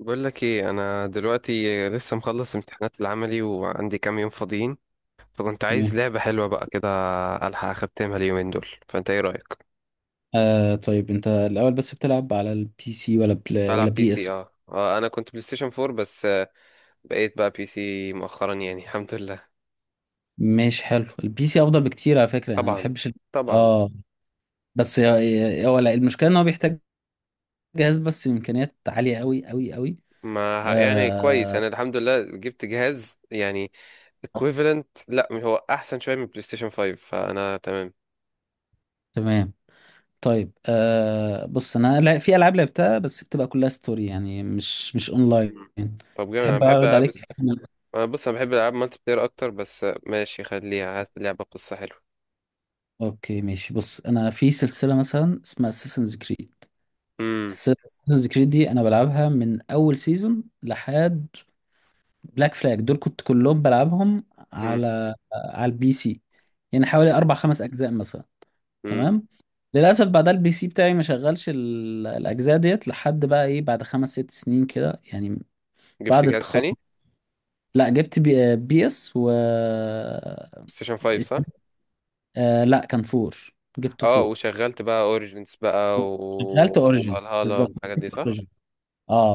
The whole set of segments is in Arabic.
بقول لك ايه، انا دلوقتي لسه مخلص امتحانات العملي وعندي كام يوم فاضيين، فكنت عايز تمام. لعبة حلوة بقى كده الحق اختمها اليومين دول. فانت ايه رأيك؟ طيب انت الاول بس بتلعب على البي سي ولا بلا ولا بلعب بي بي اس؟ سي. اه اه انا كنت بلاي ستيشن 4 بس بقيت بقى بي سي مؤخرا يعني الحمد لله. ماشي، حلو. البي سي افضل بكتير على فكره، يعني انا ما طبعا، بحبش طبعا. اه هو، لا، المشكله ان هو بيحتاج جهاز بس امكانيات عاليه قوي قوي قوي. ما ه- يعني كويس آه انا الحمد لله جبت جهاز يعني equivalent، لا هو احسن شوية من بلاي ستيشن 5 فانا تمام. تمام. طيب، بص، انا لا، في العاب لعبتها بس بتبقى كلها ستوري يعني، مش اونلاين. مم. طب جامد، انا تحب بحب اعرض العب. عليك؟ أنا بص، أنا بحب ألعاب مالتي بلاير أكتر، بس ماشي خليها، هات لعبة قصة حلوة. اوكي ماشي. بص انا في سلسله مثلا اسمها اساسنز كريد. أمم سلسلة اساسنز كريد دي انا بلعبها من اول سيزون لحد بلاك فلاج، دول كنت كلهم بلعبهم أمم على البي سي. يعني حوالي اربع خمس اجزاء مثلا. أمم. تمام. للاسف بعدها البي سي بتاعي ما شغلش الاجزاء ديت لحد بقى ايه، بعد خمس ست سنين كده يعني، جبت بعد جهاز التخرج. تاني بلاي لا جبت بي اس و ستيشن 5 صح؟ لا، كان فور، جبت أه، فور. وشغلت بقى أوريجينز بقى شغلت و اوريجن فالهالا بالظبط. والحاجات دي صح؟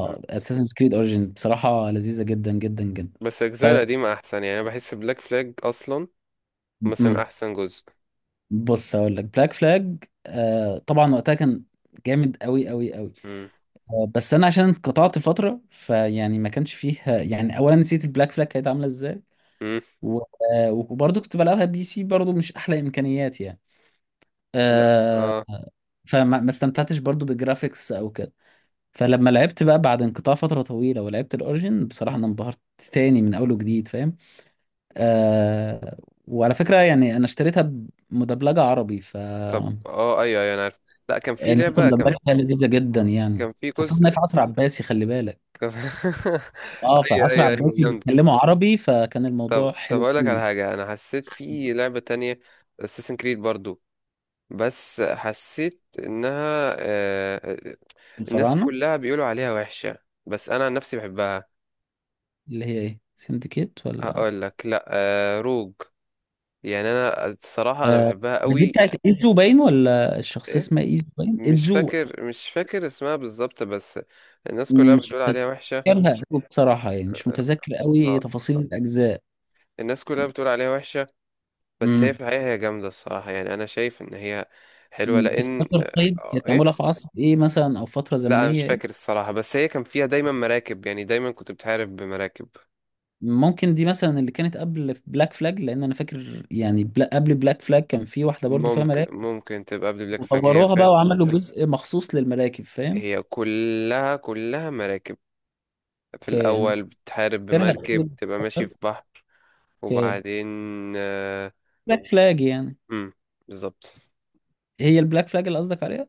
مم. اساسنز كريد اوريجين بصراحه لذيذه جدا جدا جدا. بس ف الأجزاء القديمة أحسن، يعني أنا بحس بلاك فلاج أصلا مثلا مم. أحسن جزء. بص هقول لك، بلاك فلاج طبعا وقتها كان جامد قوي قوي قوي. أمم بس انا عشان انقطعت فتره، فيعني ما كانش فيه، يعني اولا نسيت البلاك فلاج كانت عامله ازاي، أمم. و- وبرضه كنت بلعبها بي سي برضه، مش احلى امكانيات يعني. لا آه. أه، فما ما استمتعتش برضه بالجرافيكس او كده. فلما لعبت بقى بعد انقطاع فتره طويله ولعبت الاوريجين، بصراحه انا انبهرت تاني من اول وجديد، فاهم. آه. وعلى فكرة يعني أنا اشتريتها مدبلجة عربي، طب أه أيوه أيوه أنا عارف. لا كان في النسخة لعبة كان. المدبلجة فيها لذيذة جدا مم. يعني، كان في خاصة إنها جزء في عصر عباسي، خلي بالك. كان... اه، في أيوه عصر أيوه عباسي أيوه. بيتكلموا عربي، فكان طب الموضوع طب حلو اقول لك على قوي. حاجه، انا حسيت في لعبه تانية اساسن كريد برضو، بس حسيت انها الناس الفراعنة؟ كلها بيقولوا عليها وحشه بس انا عن نفسي بحبها. اللي هي إيه، سندكيت ولا؟ هقول لك، لا روج. يعني انا الصراحه انا آه بحبها دي قوي. بتاعت إيزو باين، ولا الشخصية إيه؟ اسمها إيزو باين، مش إيزو. فاكر، مش فاكر اسمها بالظبط بس الناس كلها مش بتقول عليها وحشه. متذكرها قوي بصراحة يعني، مش متذكر قوي اه تفاصيل الأجزاء. الناس كلها بتقول عليها وحشه، بس هي امم. في الحقيقه هي جامده الصراحه، يعني انا شايف ان هي حلوه لان تفتكر طيب كانت معمولة ايه. في عصر إيه مثلا، أو فترة لا انا مش زمنية إيه؟ فاكر الصراحة، بس هي كان فيها دايما مراكب، يعني دايما كنت بتحارب بمراكب. ممكن دي مثلا اللي كانت قبل بلاك فلاج، لان انا فاكر يعني بلا قبل بلاك فلاج كان في واحده برضو فيها ممكن، مراكب. ممكن تبقى قبل بلاك فlag هي وطوروها بقى فات. وعملوا جزء مخصوص للمراكب، فاهم. هي كلها كلها مراكب. في اوكي، انا مش الاول بتحارب فاكرها بمركب أوي. تبقى ماشي في بحر، اوكي. وبعدين آه، بلاك فلاج يعني. امم بالظبط. هي البلاك فلاج اللي قصدك عليها،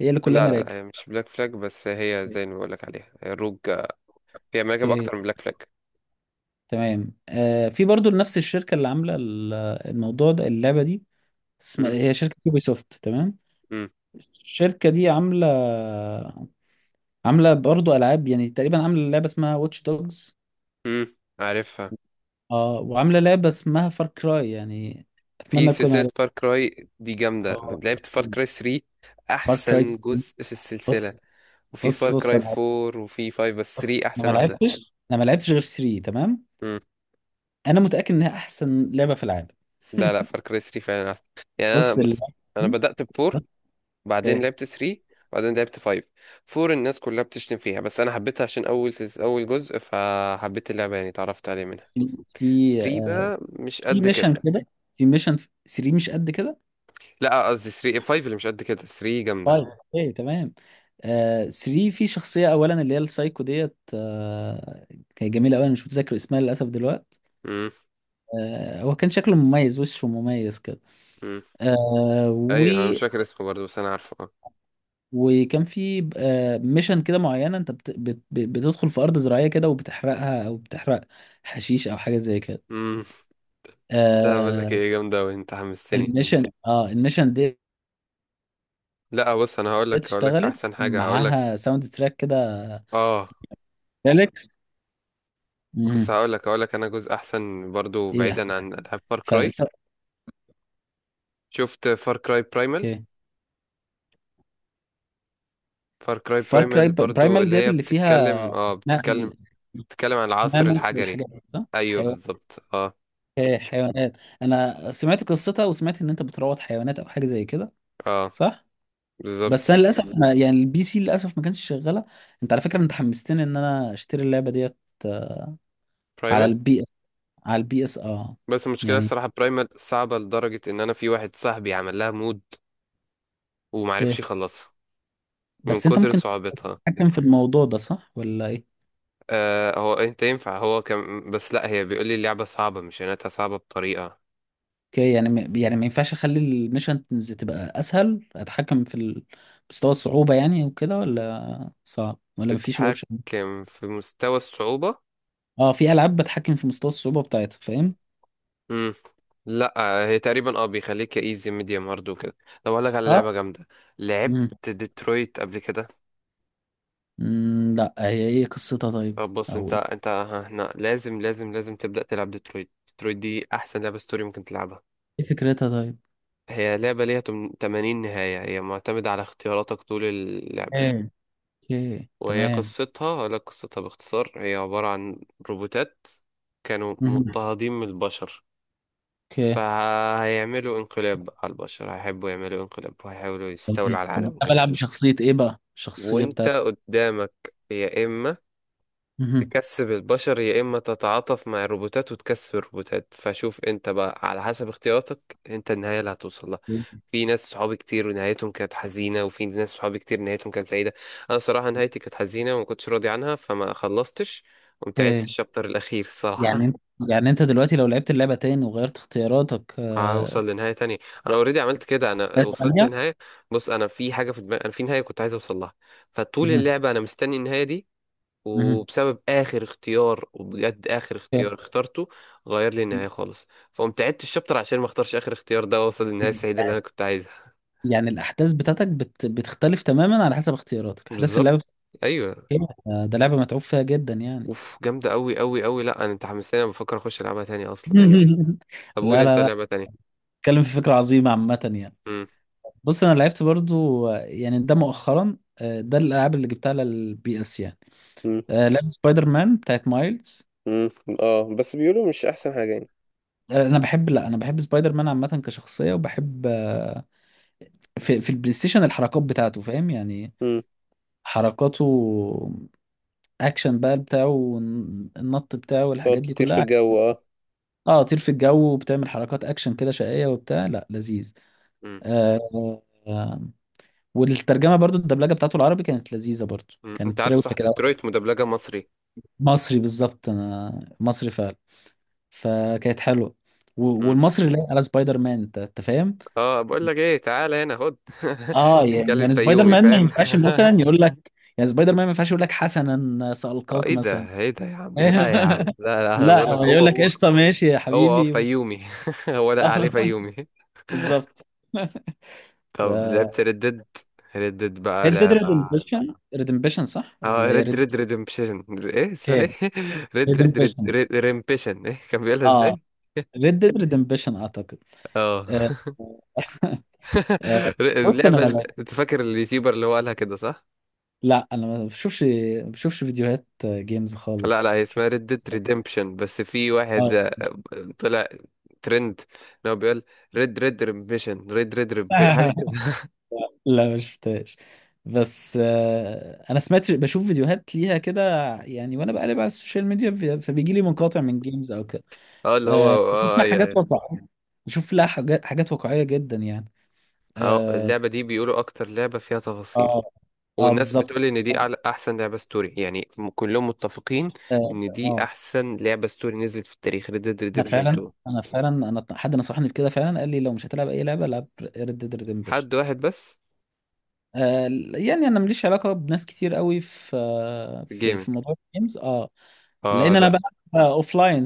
هي اللي كلها لا لا لا، مراكب. هي مش بلاك فلاج، بس هي زي ما بقولك عليها هي الروج. هي مراكب اوكي اكتر من بلاك فلاج. تمام. آه، في برضو نفس الشركه اللي عامله الموضوع ده، اللعبه دي اسمها، امم هي شركه يوبي سوفت، تمام. امم. الشركه دي عامله برضو العاب يعني. تقريبا عامله لعبه اسمها واتش دوجز. عارفها. اه، وعامله لعبه اسمها فار كراي يعني، في اتمنى اكون سلسلة عارف. فار كراي دي جامدة، اه لعبت فار كراي 3 فار كراي احسن 3. جزء في السلسلة، بص وفي بص فار بص كراي انا 4 وفي 5 بس بص 3 انا احسن ما واحده. لعبتش انا ما لعبتش غير 3، تمام. امم. انا متاكد انها احسن لعبه في العالم. لا لا، فار كراي 3 فعلا احسن. يعني انا بص بص، اللعبه انا دي، بدات ب 4 بص، بعدين ايه، لعبت 3 بعدين لعبت 5. 4 الناس كلها بتشتم فيها بس انا حبيتها عشان اول جزء فحبيت اللعبه يعني اتعرفت عليه منها. في في 3 آه، بقى مش في قد ميشن كده. كده، في ميشن. 3 مش قد كده؟ لا قصدي 3، 5 اللي مش قد كده، 3 جامده. طيب. ايه تمام. آه، 3 في شخصيه اولا اللي هي السايكو ديت، آه، كانت جميله قوي، انا مش متذكر اسمها للاسف دلوقتي. امم آه، هو كان شكله مميز، وشه مميز. امم. آه و ايوه انا مش فاكر اسمه برضه بس انا عارفه اه. وكان في ميشن كده معينه، انت بتدخل في ارض زراعيه كده وبتحرقها، او بتحرق حشيش او حاجه زي كده. امم. لا بقول لك آه. ايه، جامده وانت حمستني. الميشن، اه الميشن دي لا بص، انا هقول لك، هقول لك اشتغلت احسن حاجه هقول لك. معاها ساوند تراك كده، اه ليركس. بس امم. هقول لك، هقول لك انا جزء احسن برضو ايه بعيدا احسن حاجه؟ عن العاب فار كراي. فالس... شفت فار كراي برايمال؟ اوكي. فار كراي فار كراي برايمال برضو برايمال اللي ديت هي اللي فيها بتتكلم، نقل، بتتكلم عن العصر نمل الحجري. والحاجات دي صح؟ ايوه حيوان، بالظبط اه. إيه، حيوانات. انا سمعت قصتها، وسمعت ان انت بتروض حيوانات او حاجه زي كده، اه صح؟ بس بالظبط. انا للاسف ما، يعني البي سي للاسف ما كانش شغاله. انت على فكره انت حمستني ان انا اشتري اللعبه ديت. آه، على برايمال. البي اس. على البي اس اه. بس المشكله يعني الصراحه برايمال صعبه لدرجه ان انا في واحد صاحبي عمل لها مود ومعرفش اوكي، يخلصها من بس انت كتر ممكن صعوبتها. تتحكم في الموضوع ده صح ولا ايه؟ آه هو انت ينفع هو كان بس لا هي بيقول لي اللعبه صعبه، مش يعني انها صعبه بطريقه اوكي. يعني يعني ما ينفعش اخلي الميشنز تبقى اسهل، اتحكم في مستوى الصعوبه يعني وكده، ولا صعب، ولا ما فيش الاوبشن ده؟ بتحكم في مستوى الصعوبه. اه، في العاب بتحكم في مستوى الصعوبه بتاعتها، فاهم. امم. لا هي تقريبا اه بيخليك ايزي ميديوم هارد وكده. طب اقول لك على اه. لعبه جامده، لعبت امم. ديترويت قبل كده؟ أمم، لا هي ايه قصتها طيب؟ طب بص، انت او ايه، انت هنا لازم لازم لازم تبدا تلعب ديترويت. ديترويت دي احسن لعبه ستوري ممكن تلعبها. إيه فكرتها طيب؟ هي لعبه ليها 80 نهايه، هي معتمده على اختياراتك طول اللعبه. ايه. اوكي وهي تمام. قصتها اقول لك قصتها باختصار، هي عباره عن روبوتات كانوا مهم. مضطهدين من البشر، اوكي. فهيعملوا انقلاب على البشر، هيحبوا يعملوا انقلاب وهيحاولوا طب، يستولوا على طب العالم انا وكده. بلعب بشخصية ايه بقى، الشخصية وانت بتاعتي؟ قدامك يا اما مهم. تكسب البشر يا اما تتعاطف مع الروبوتات وتكسب الروبوتات، فشوف انت بقى على حسب اختياراتك انت النهايه اللي هتوصل لها. في ناس صحابي كتير ونهايتهم كانت حزينه وفي ناس صحابي كتير نهايتهم كانت سعيده. انا صراحه نهايتي كانت حزينه وما كنتش راضي عنها فما خلصتش. قمت عدت اوكي. الشابتر الاخير يعني الصراحه انت، يعني انت دلوقتي لو لعبت اللعبة تاني وغيرت اختياراتك، آه، هوصل لنهاية تانية. أنا أوريدي عملت كده، أنا ناس وصلت تانية. لنهاية. بص أنا في حاجة في دماغي، أنا في نهاية كنت عايز أوصل لها، فطول مهم. اللعبة أنا مستني النهاية دي. مهم. وبسبب اخر اختيار، وبجد اخر اوكي. اختيار اخترته غير لي النهايه خالص، فقمت عدت الشابتر عشان ما اختارش اخر اختيار ده واوصل للنهايه السعيده اللي انا كنت عايزها. يعني الاحداث بتاعتك بتختلف تماما على حسب اختياراتك، احداث اللعبة بالظبط بتاعتك. ايوه. إيه؟ ده لعبة متعوب فيها جدا يعني. اوف جامده قوي قوي قوي. لا انا، انت حمستني انا بفكر اخش العبها تاني اصلا. لا طب قول لا انت لا، لعبه تانية. اتكلم في فكرة عظيمة عامة يعني. امم. بص انا لعبت برضو آه، يعني ده مؤخرا، آه، ده الالعاب اللي جبتها على البي اس يعني، مم. آه، لعبة سبايدر مان بتاعت مايلز. مم. اه بس بيقولوا مش احسن حاجة يعني. آه، انا بحب، لا انا بحب سبايدر مان عامة كشخصية، وبحب آه، في البلاي ستيشن الحركات بتاعته، فاهم يعني، مم. حركاته، اكشن بقى بتاعه، النط بتاعه تقعد والحاجات دي تطير في كلها. الجو اه. اه، طير في الجو وبتعمل حركات اكشن كده شقية وبتاع، لا لذيذ. امم. آه. آه، والترجمة برضو الدبلجة بتاعته العربي كانت لذيذة برضو، أمم. انت كانت عارف صح روشة كده. ديترويت مدبلجه مصري؟ مصري بالظبط، انا مصري فعلا، فكانت حلوة. امم. والمصري لايق على سبايدر مان، أنت فاهم. اه بقول لك ايه، تعالى هنا خد اه يعني، بنتكلم يعني سبايدر فيومي مان ما فاهم. ينفعش مثلا يقول لك، يعني سبايدر مان ما ينفعش يقول لك حسنا اه سألقاك ايه مثلا. ده، ايه ده يا عم؟ لا يا عم، لا لا انا لا بقول هو لك هو يقول لك هو. قشطه ماشي يا هو اه حبيبي فيومي هو لا آه، عليه فيومي. بالظبط. طب لعبت ف ردد؟ ردد بقى ريد ديد لعبة. ريدمبشن. ريدمبشن صح اه ولا هي ريد ريد؟ ريد ريدمبشن، ايه اسمها، ايه اوكي ريدمبشن. ريمبشن، ايه كان بيقولها اه ازاي؟ ريد ديد ريدمبشن اعتقد. اه آه، آه، بص انا، اللعبة لا، انت فاكر اليوتيوبر اللي هو قالها كده صح؟ لا، انا ما بشوفش، ما بشوفش فيديوهات جيمز لا لا هي خالص، شوف. اسمها ريد ديد ريدمبشن، بس في واحد آه. طلع ترند اللي هو بيقول ريد ريد ريمبشن ريد ريد ريب حاجة كده لا ما شفتهاش، بس آه، انا سمعت، بشوف فيديوهات ليها كده يعني، وانا بقلب على السوشيال ميديا فبيجي لي مقاطع من جيمز او كده. اه اللي هو آه، بشوف اه لها اي حاجات اي. واقعيه، بشوف لها حاجات واقعيه جدا يعني. اه، اه. اللعبة دي بيقولوا اكتر لعبة فيها تفاصيل، اه, والناس بالظبط. بتقول ان دي أعلى احسن لعبة ستوري يعني كلهم متفقين اه. ان دي آه. احسن لعبة ستوري نزلت في التاريخ Red Dead انا Redemption فعلا، 2. انا فعلا، انا حد نصحني بكده فعلا، قال لي لو مش هتلعب اي لعبه العب ريد ديد ريدمبشن. حد واحد بس. آه. يعني انا ماليش علاقه بناس كتير قوي في في جيمنج. في موضوع الجيمز، اه. اه لان انا لا بقى اوف لاين،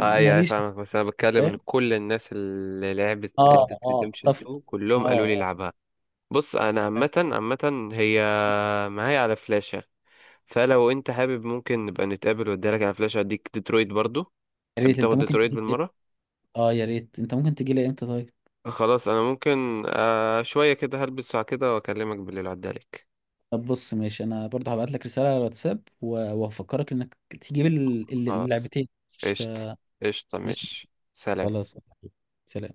اي اي فاهمك، بس انا بتكلم ان كل الناس اللي لعبت Red Dead اه. اه Redemption اتفق. 2 اه. كلهم قالوا لي آه. العبها. بص انا عامة عامة هي معايا على فلاشة، فلو انت حابب ممكن نبقى نتقابل واديلك على فلاش، اديك ديترويت برضو. يا تحب ريت انت تاخد ممكن ديترويت تجي لي، بالمرة؟ اه يا ريت انت ممكن تجي لي امتى طيب؟ خلاص انا ممكن شوية كده هلبس ساعة كده واكلمك بالليل عدالك. طب بص ماشي، انا برضه هبعت لك رساله على الواتساب، وهفكرك انك تجيب خلاص اللعبتين. مش قشطة. قشطة ماشي ماشي سلام. خلاص. سلام.